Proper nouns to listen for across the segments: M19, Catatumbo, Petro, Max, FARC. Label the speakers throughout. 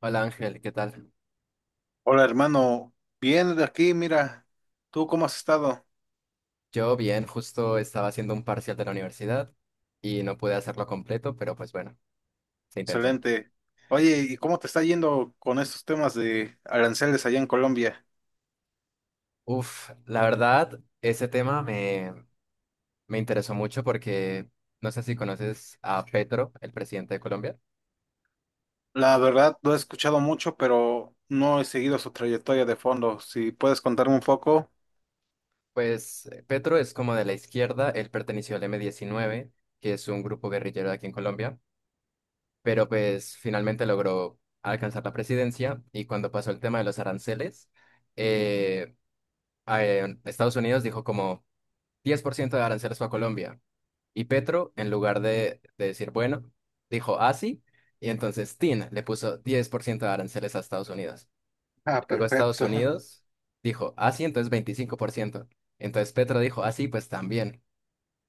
Speaker 1: Hola Ángel, ¿qué tal?
Speaker 2: Hola hermano, bien de aquí, mira, ¿tú cómo has estado?
Speaker 1: Yo bien, justo estaba haciendo un parcial de la universidad y no pude hacerlo completo, pero pues bueno, se intentó.
Speaker 2: Excelente. Oye, ¿y cómo te está yendo con estos temas de aranceles allá en Colombia?
Speaker 1: Uf, la verdad, ese tema me interesó mucho porque no sé si conoces a Petro, el presidente de Colombia.
Speaker 2: La verdad, lo he escuchado mucho, pero no he seguido su trayectoria de fondo. Si puedes contarme un poco.
Speaker 1: Pues Petro es como de la izquierda, él perteneció al M19, que es un grupo guerrillero de aquí en Colombia, pero pues finalmente logró alcanzar la presidencia y cuando pasó el tema de los aranceles, eh, Estados Unidos dijo como 10% de aranceles fue a Colombia. Y Petro, en lugar de decir, bueno, dijo, ah, sí. Y entonces Tin le puso 10% de aranceles a Estados Unidos.
Speaker 2: Ah,
Speaker 1: Luego Estados
Speaker 2: perfecto.
Speaker 1: Unidos dijo, ah, sí, entonces 25%. Entonces Petro dijo, ah, sí, pues también.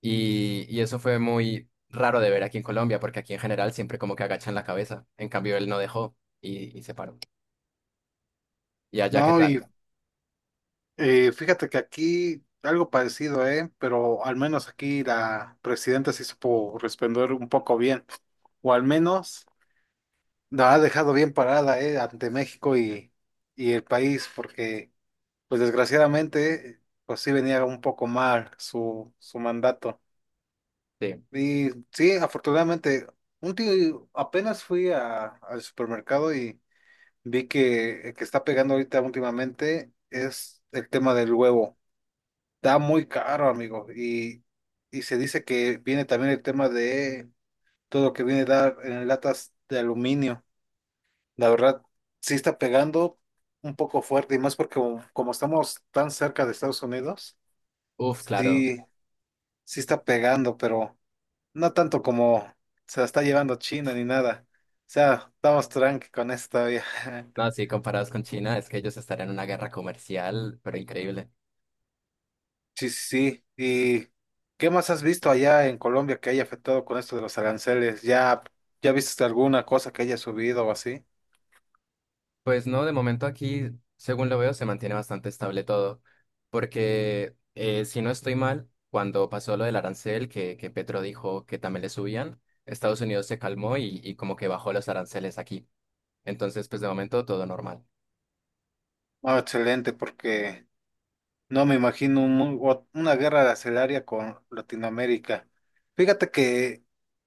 Speaker 1: Y eso fue muy raro de ver aquí en Colombia, porque aquí en general siempre como que agachan la cabeza. En cambio, él no dejó y se paró. Y allá, ¿qué
Speaker 2: No,
Speaker 1: tal?
Speaker 2: y fíjate que aquí algo parecido, ¿eh? Pero al menos aquí la presidenta se supo responder un poco bien. O al menos, la ha dejado bien parada, ante México y el país, porque, pues desgraciadamente, pues sí venía un poco mal su mandato.
Speaker 1: Sí.
Speaker 2: Y sí, afortunadamente, un tío, apenas fui al supermercado y vi que el que está pegando ahorita últimamente es el tema del huevo. Está muy caro, amigo, y se dice que viene también el tema de todo lo que viene a dar en latas de aluminio. La verdad, sí está pegando un poco fuerte y más porque como estamos tan cerca de Estados Unidos,
Speaker 1: Uf, claro.
Speaker 2: sí, sí está pegando, pero no tanto como se la está llevando China ni nada. O sea, estamos tranqui con esto todavía.
Speaker 1: No, sí, comparados con China, es que ellos estarían en una guerra comercial, pero increíble.
Speaker 2: Sí, sí, sí. ¿Y qué más has visto allá en Colombia que haya afectado con esto de los aranceles? ¿Ya, ya viste alguna cosa que haya subido o así?
Speaker 1: Pues no, de momento aquí, según lo veo, se mantiene bastante estable todo, porque si no estoy mal, cuando pasó lo del arancel, que Petro dijo que también le subían, Estados Unidos se calmó y como que bajó los aranceles aquí. Entonces, pues de momento todo normal.
Speaker 2: No, excelente, porque no me imagino un una guerra arancelaria con Latinoamérica. Fíjate que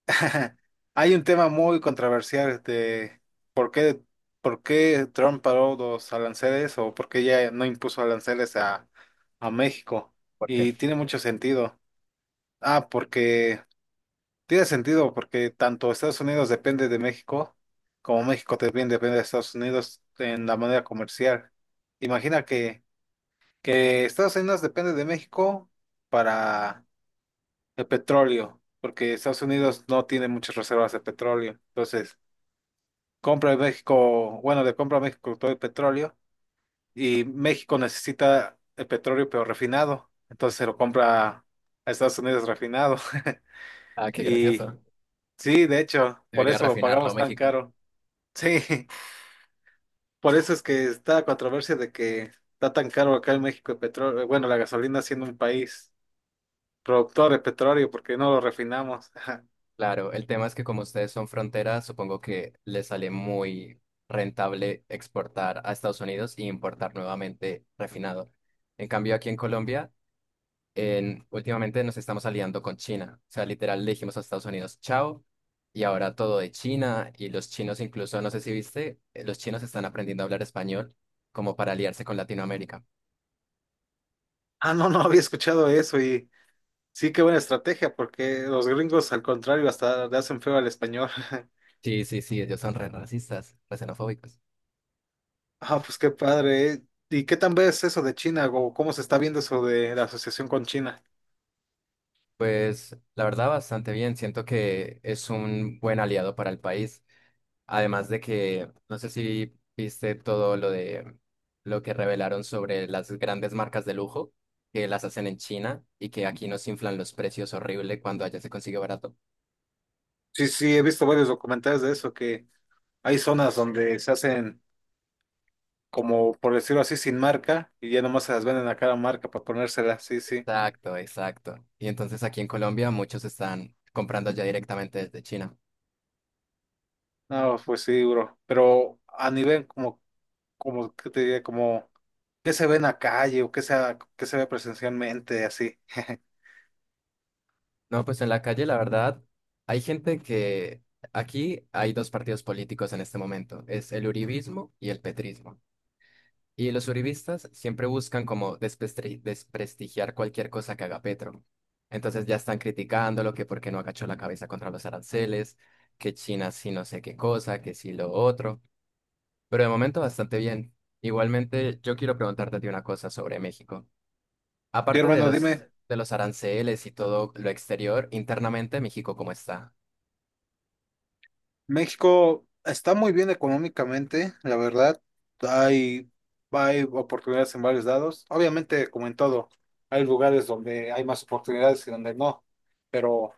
Speaker 2: hay un tema muy controversial de por qué, por qué Trump paró los aranceles o por qué ya no impuso aranceles a México.
Speaker 1: ¿Por qué?
Speaker 2: Y tiene mucho sentido. Ah, porque tiene sentido porque tanto Estados Unidos depende de México como México también depende de Estados Unidos en la manera comercial. Imagina que Estados Unidos depende de México para el petróleo, porque Estados Unidos no tiene muchas reservas de petróleo. Entonces, compra de México, bueno, le compra a México todo el petróleo y México necesita el petróleo pero refinado. Entonces se lo compra a Estados Unidos refinado.
Speaker 1: Ah, qué
Speaker 2: Y
Speaker 1: gracioso.
Speaker 2: sí, de hecho, por
Speaker 1: Debería
Speaker 2: eso lo
Speaker 1: refinarlo
Speaker 2: pagamos tan
Speaker 1: México.
Speaker 2: caro. Sí, por eso es que está la controversia de que está tan caro acá en México el petróleo, bueno, la gasolina siendo un país productores petróleo, porque no lo refinamos.
Speaker 1: Claro, el tema es que como ustedes son frontera, supongo que les sale muy rentable exportar a Estados Unidos y importar nuevamente refinado. En cambio, aquí en Colombia últimamente nos estamos aliando con China. O sea, literal le dijimos a Estados Unidos, chao, y ahora todo de China, y los chinos incluso, no sé si viste, los chinos están aprendiendo a hablar español como para aliarse con Latinoamérica.
Speaker 2: Ah, no, no había escuchado eso y sí, qué buena estrategia, porque los gringos, al contrario, hasta le hacen feo al español.
Speaker 1: Sí, sí, sí, ellos son re racistas, re xenofóbicos.
Speaker 2: Ah, pues qué padre, ¿eh? ¿Y qué tan ves eso de China o cómo se está viendo eso de la asociación con China?
Speaker 1: Pues la verdad, bastante bien. Siento que es un buen aliado para el país. Además de que, no sé si viste todo lo de lo que revelaron sobre las grandes marcas de lujo que las hacen en China y que aquí nos inflan los precios horrible cuando allá se consigue barato.
Speaker 2: Sí, sí, he visto varios documentales de eso, que hay zonas donde se hacen como, por decirlo así, sin marca y ya nomás se las venden a cada marca para ponérselas, sí, sí.
Speaker 1: Exacto, exacto. Y entonces aquí en Colombia muchos están comprando allá directamente desde China.
Speaker 2: No, pues sí, bro. Pero a nivel como, ¿qué te diría? Como ¿qué se ve en la calle o qué qué se ve presencialmente, así?
Speaker 1: No, pues en la calle, la verdad, hay gente que aquí hay dos partidos políticos en este momento, es el uribismo y el petrismo. Y los uribistas siempre buscan como desprestigiar cualquier cosa que haga Petro. Entonces ya están criticándolo, que por qué no agachó la cabeza contra los aranceles, que China sí no sé qué cosa, que sí lo otro. Pero de momento bastante bien. Igualmente, yo quiero preguntarte a ti una cosa sobre México.
Speaker 2: Sí,
Speaker 1: Aparte de
Speaker 2: hermano,
Speaker 1: los,
Speaker 2: dime,
Speaker 1: de los aranceles y todo lo exterior, internamente México, ¿cómo está?
Speaker 2: México está muy bien económicamente, la verdad. Hay, hay oportunidades en varios lados. Obviamente, como en todo, hay lugares donde hay más oportunidades y donde no. Pero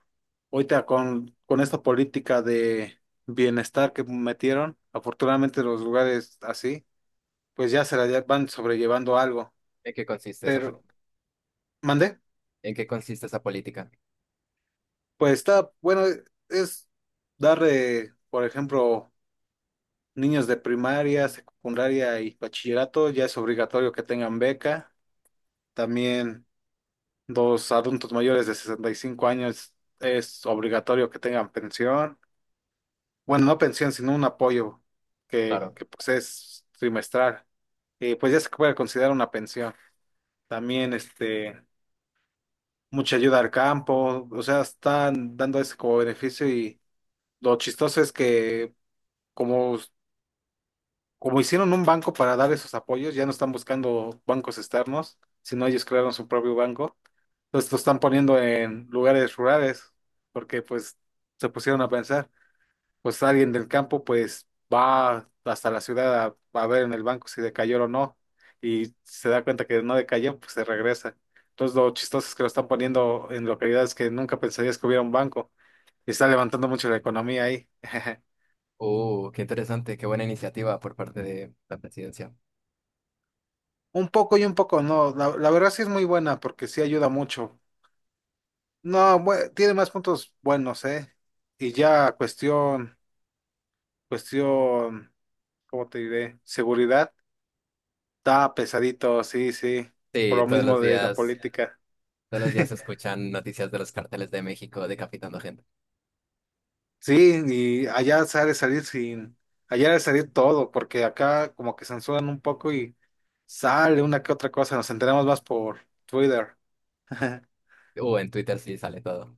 Speaker 2: ahorita con esta política de bienestar que metieron, afortunadamente los lugares así, pues ya van sobrellevando algo.
Speaker 1: ¿En qué consiste esa, pol-
Speaker 2: Pero, ¿mandé?
Speaker 1: en qué consiste esa política?
Speaker 2: Pues está, bueno, es dar, por ejemplo, niños de primaria, secundaria y bachillerato, ya es obligatorio que tengan beca. También los adultos mayores de 65 años es obligatorio que tengan pensión. Bueno, no pensión, sino un apoyo
Speaker 1: Claro.
Speaker 2: pues es trimestral. Y pues ya se puede considerar una pensión. También, este, mucha ayuda al campo, o sea, están dando ese como beneficio y lo chistoso es que como, como hicieron un banco para dar esos apoyos, ya no están buscando bancos externos, sino ellos crearon su propio banco. Entonces lo están poniendo en lugares rurales, porque pues se pusieron a pensar, pues alguien del campo pues va hasta la ciudad a ver en el banco si decayó o no, y se da cuenta que no decayó, pues se regresa. Entonces lo chistoso es que lo están poniendo en localidades que nunca pensarías que hubiera un banco, y está levantando mucho la economía ahí.
Speaker 1: Qué interesante, qué buena iniciativa por parte de la presidencia.
Speaker 2: Un poco y un poco, no. La verdad sí es muy buena porque sí ayuda mucho. No, bue- tiene más puntos buenos, ¿eh? Y ya cuestión, ¿cómo te diré? Seguridad. Está pesadito, sí, sí. Por
Speaker 1: Sí,
Speaker 2: lo mismo de la política.
Speaker 1: todos los días se escuchan noticias de los carteles de México decapitando gente.
Speaker 2: Sí, y allá sale salir sin, allá sale salir todo, porque acá como que censuran un poco y sale una que otra cosa, nos enteramos más por Twitter.
Speaker 1: O en Twitter sí sale todo.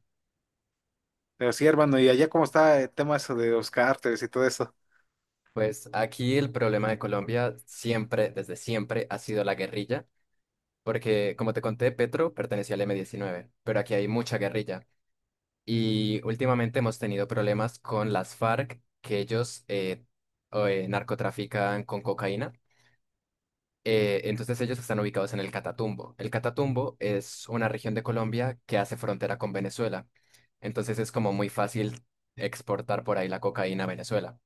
Speaker 2: Pero sí, hermano, ¿y allá cómo está el tema eso de los cárteles y todo eso?
Speaker 1: Pues aquí el problema de Colombia siempre, desde siempre, ha sido la guerrilla, porque como te conté, Petro pertenecía al M diecinueve, pero aquí hay mucha guerrilla. Y últimamente hemos tenido problemas con las FARC, que ellos narcotrafican con cocaína. Entonces ellos están ubicados en el Catatumbo. El Catatumbo es una región de Colombia que hace frontera con Venezuela. Entonces es como muy fácil exportar por ahí la cocaína a Venezuela.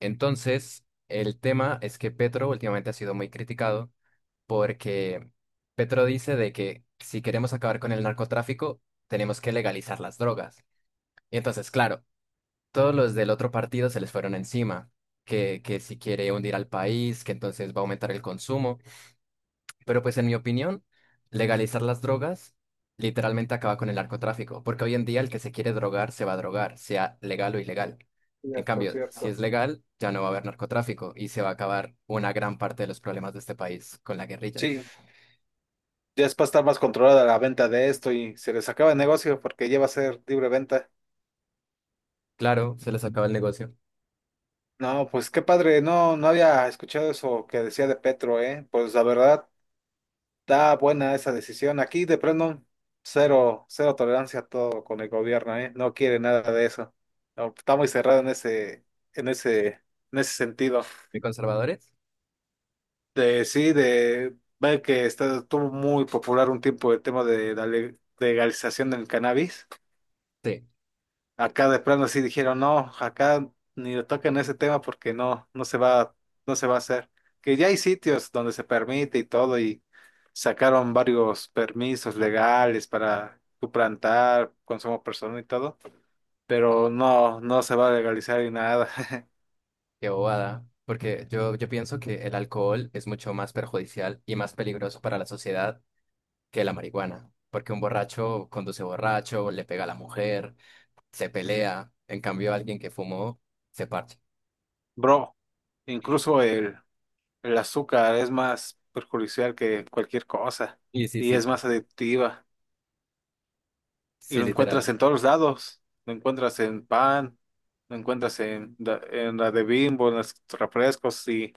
Speaker 1: Entonces, el tema es que Petro últimamente ha sido muy criticado porque Petro dice de que si queremos acabar con el narcotráfico, tenemos que legalizar las drogas. Y entonces, claro, todos los del otro partido se les fueron encima, que si quiere hundir al país, que entonces va a aumentar el consumo. Pero pues en mi opinión, legalizar las drogas literalmente acaba con el narcotráfico, porque hoy en día el que se quiere drogar se va a drogar, sea legal o ilegal. En
Speaker 2: Cierto,
Speaker 1: cambio, si
Speaker 2: cierto.
Speaker 1: es legal, ya no va a haber narcotráfico y se va a acabar una gran parte de los problemas de este país con la guerrilla.
Speaker 2: Sí, ya es para estar más controlada la venta de esto y se les acaba el negocio porque ya va a ser libre venta.
Speaker 1: Claro, se les acaba el negocio.
Speaker 2: No, pues qué padre, no, no había escuchado eso que decía de Petro, ¿eh? Pues la verdad, está buena esa decisión. Aquí de plano, cero, cero tolerancia a todo con el gobierno, ¿eh? No quiere nada de eso. No, está muy cerrado en en ese, en ese sentido.
Speaker 1: ¿Y conservadores?
Speaker 2: De sí, de ver que está, estuvo muy popular un tiempo el tema de la legalización del cannabis.
Speaker 1: Sí,
Speaker 2: Acá de plano sí dijeron, no, acá ni le toquen ese tema porque no se va a hacer. Que ya hay sitios donde se permite y todo, y sacaron varios permisos legales para tu plantar, consumo personal y todo, pero no, no se va a legalizar ni nada.
Speaker 1: qué bobada. Porque yo pienso que el alcohol es mucho más perjudicial y más peligroso para la sociedad que la marihuana. Porque un borracho conduce borracho, le pega a la mujer, se pelea. En cambio, alguien que fumó se parcha.
Speaker 2: Bro, incluso el azúcar es más perjudicial que cualquier cosa
Speaker 1: Sí, sí,
Speaker 2: y
Speaker 1: sí.
Speaker 2: es
Speaker 1: Sí.
Speaker 2: más adictiva. Y
Speaker 1: Sí,
Speaker 2: lo encuentras
Speaker 1: literal.
Speaker 2: en todos lados. Lo encuentras en pan, lo encuentras en la de Bimbo, en los refrescos y,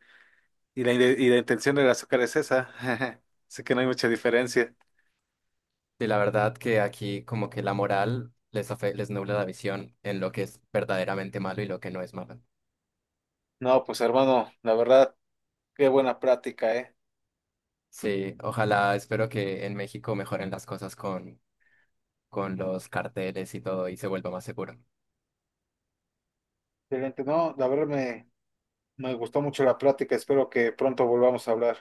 Speaker 2: y, la, ide- y la intención del azúcar es esa. Así que no hay mucha diferencia.
Speaker 1: Y la verdad que aquí como que la moral les nubla la visión en lo que es verdaderamente malo y lo que no es malo.
Speaker 2: No, pues hermano, la verdad, qué buena práctica, ¿eh?
Speaker 1: Sí, ojalá, espero que en México mejoren las cosas con los carteles y todo y se vuelva más seguro.
Speaker 2: Excelente. No, me gustó mucho la práctica. Espero que pronto volvamos a hablar.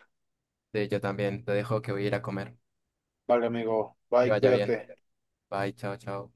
Speaker 1: Sí, yo también te dejo que voy a ir a comer.
Speaker 2: Vale, amigo.
Speaker 1: Que
Speaker 2: Bye,
Speaker 1: vaya bien.
Speaker 2: cuídate.
Speaker 1: Bye, chao, chao.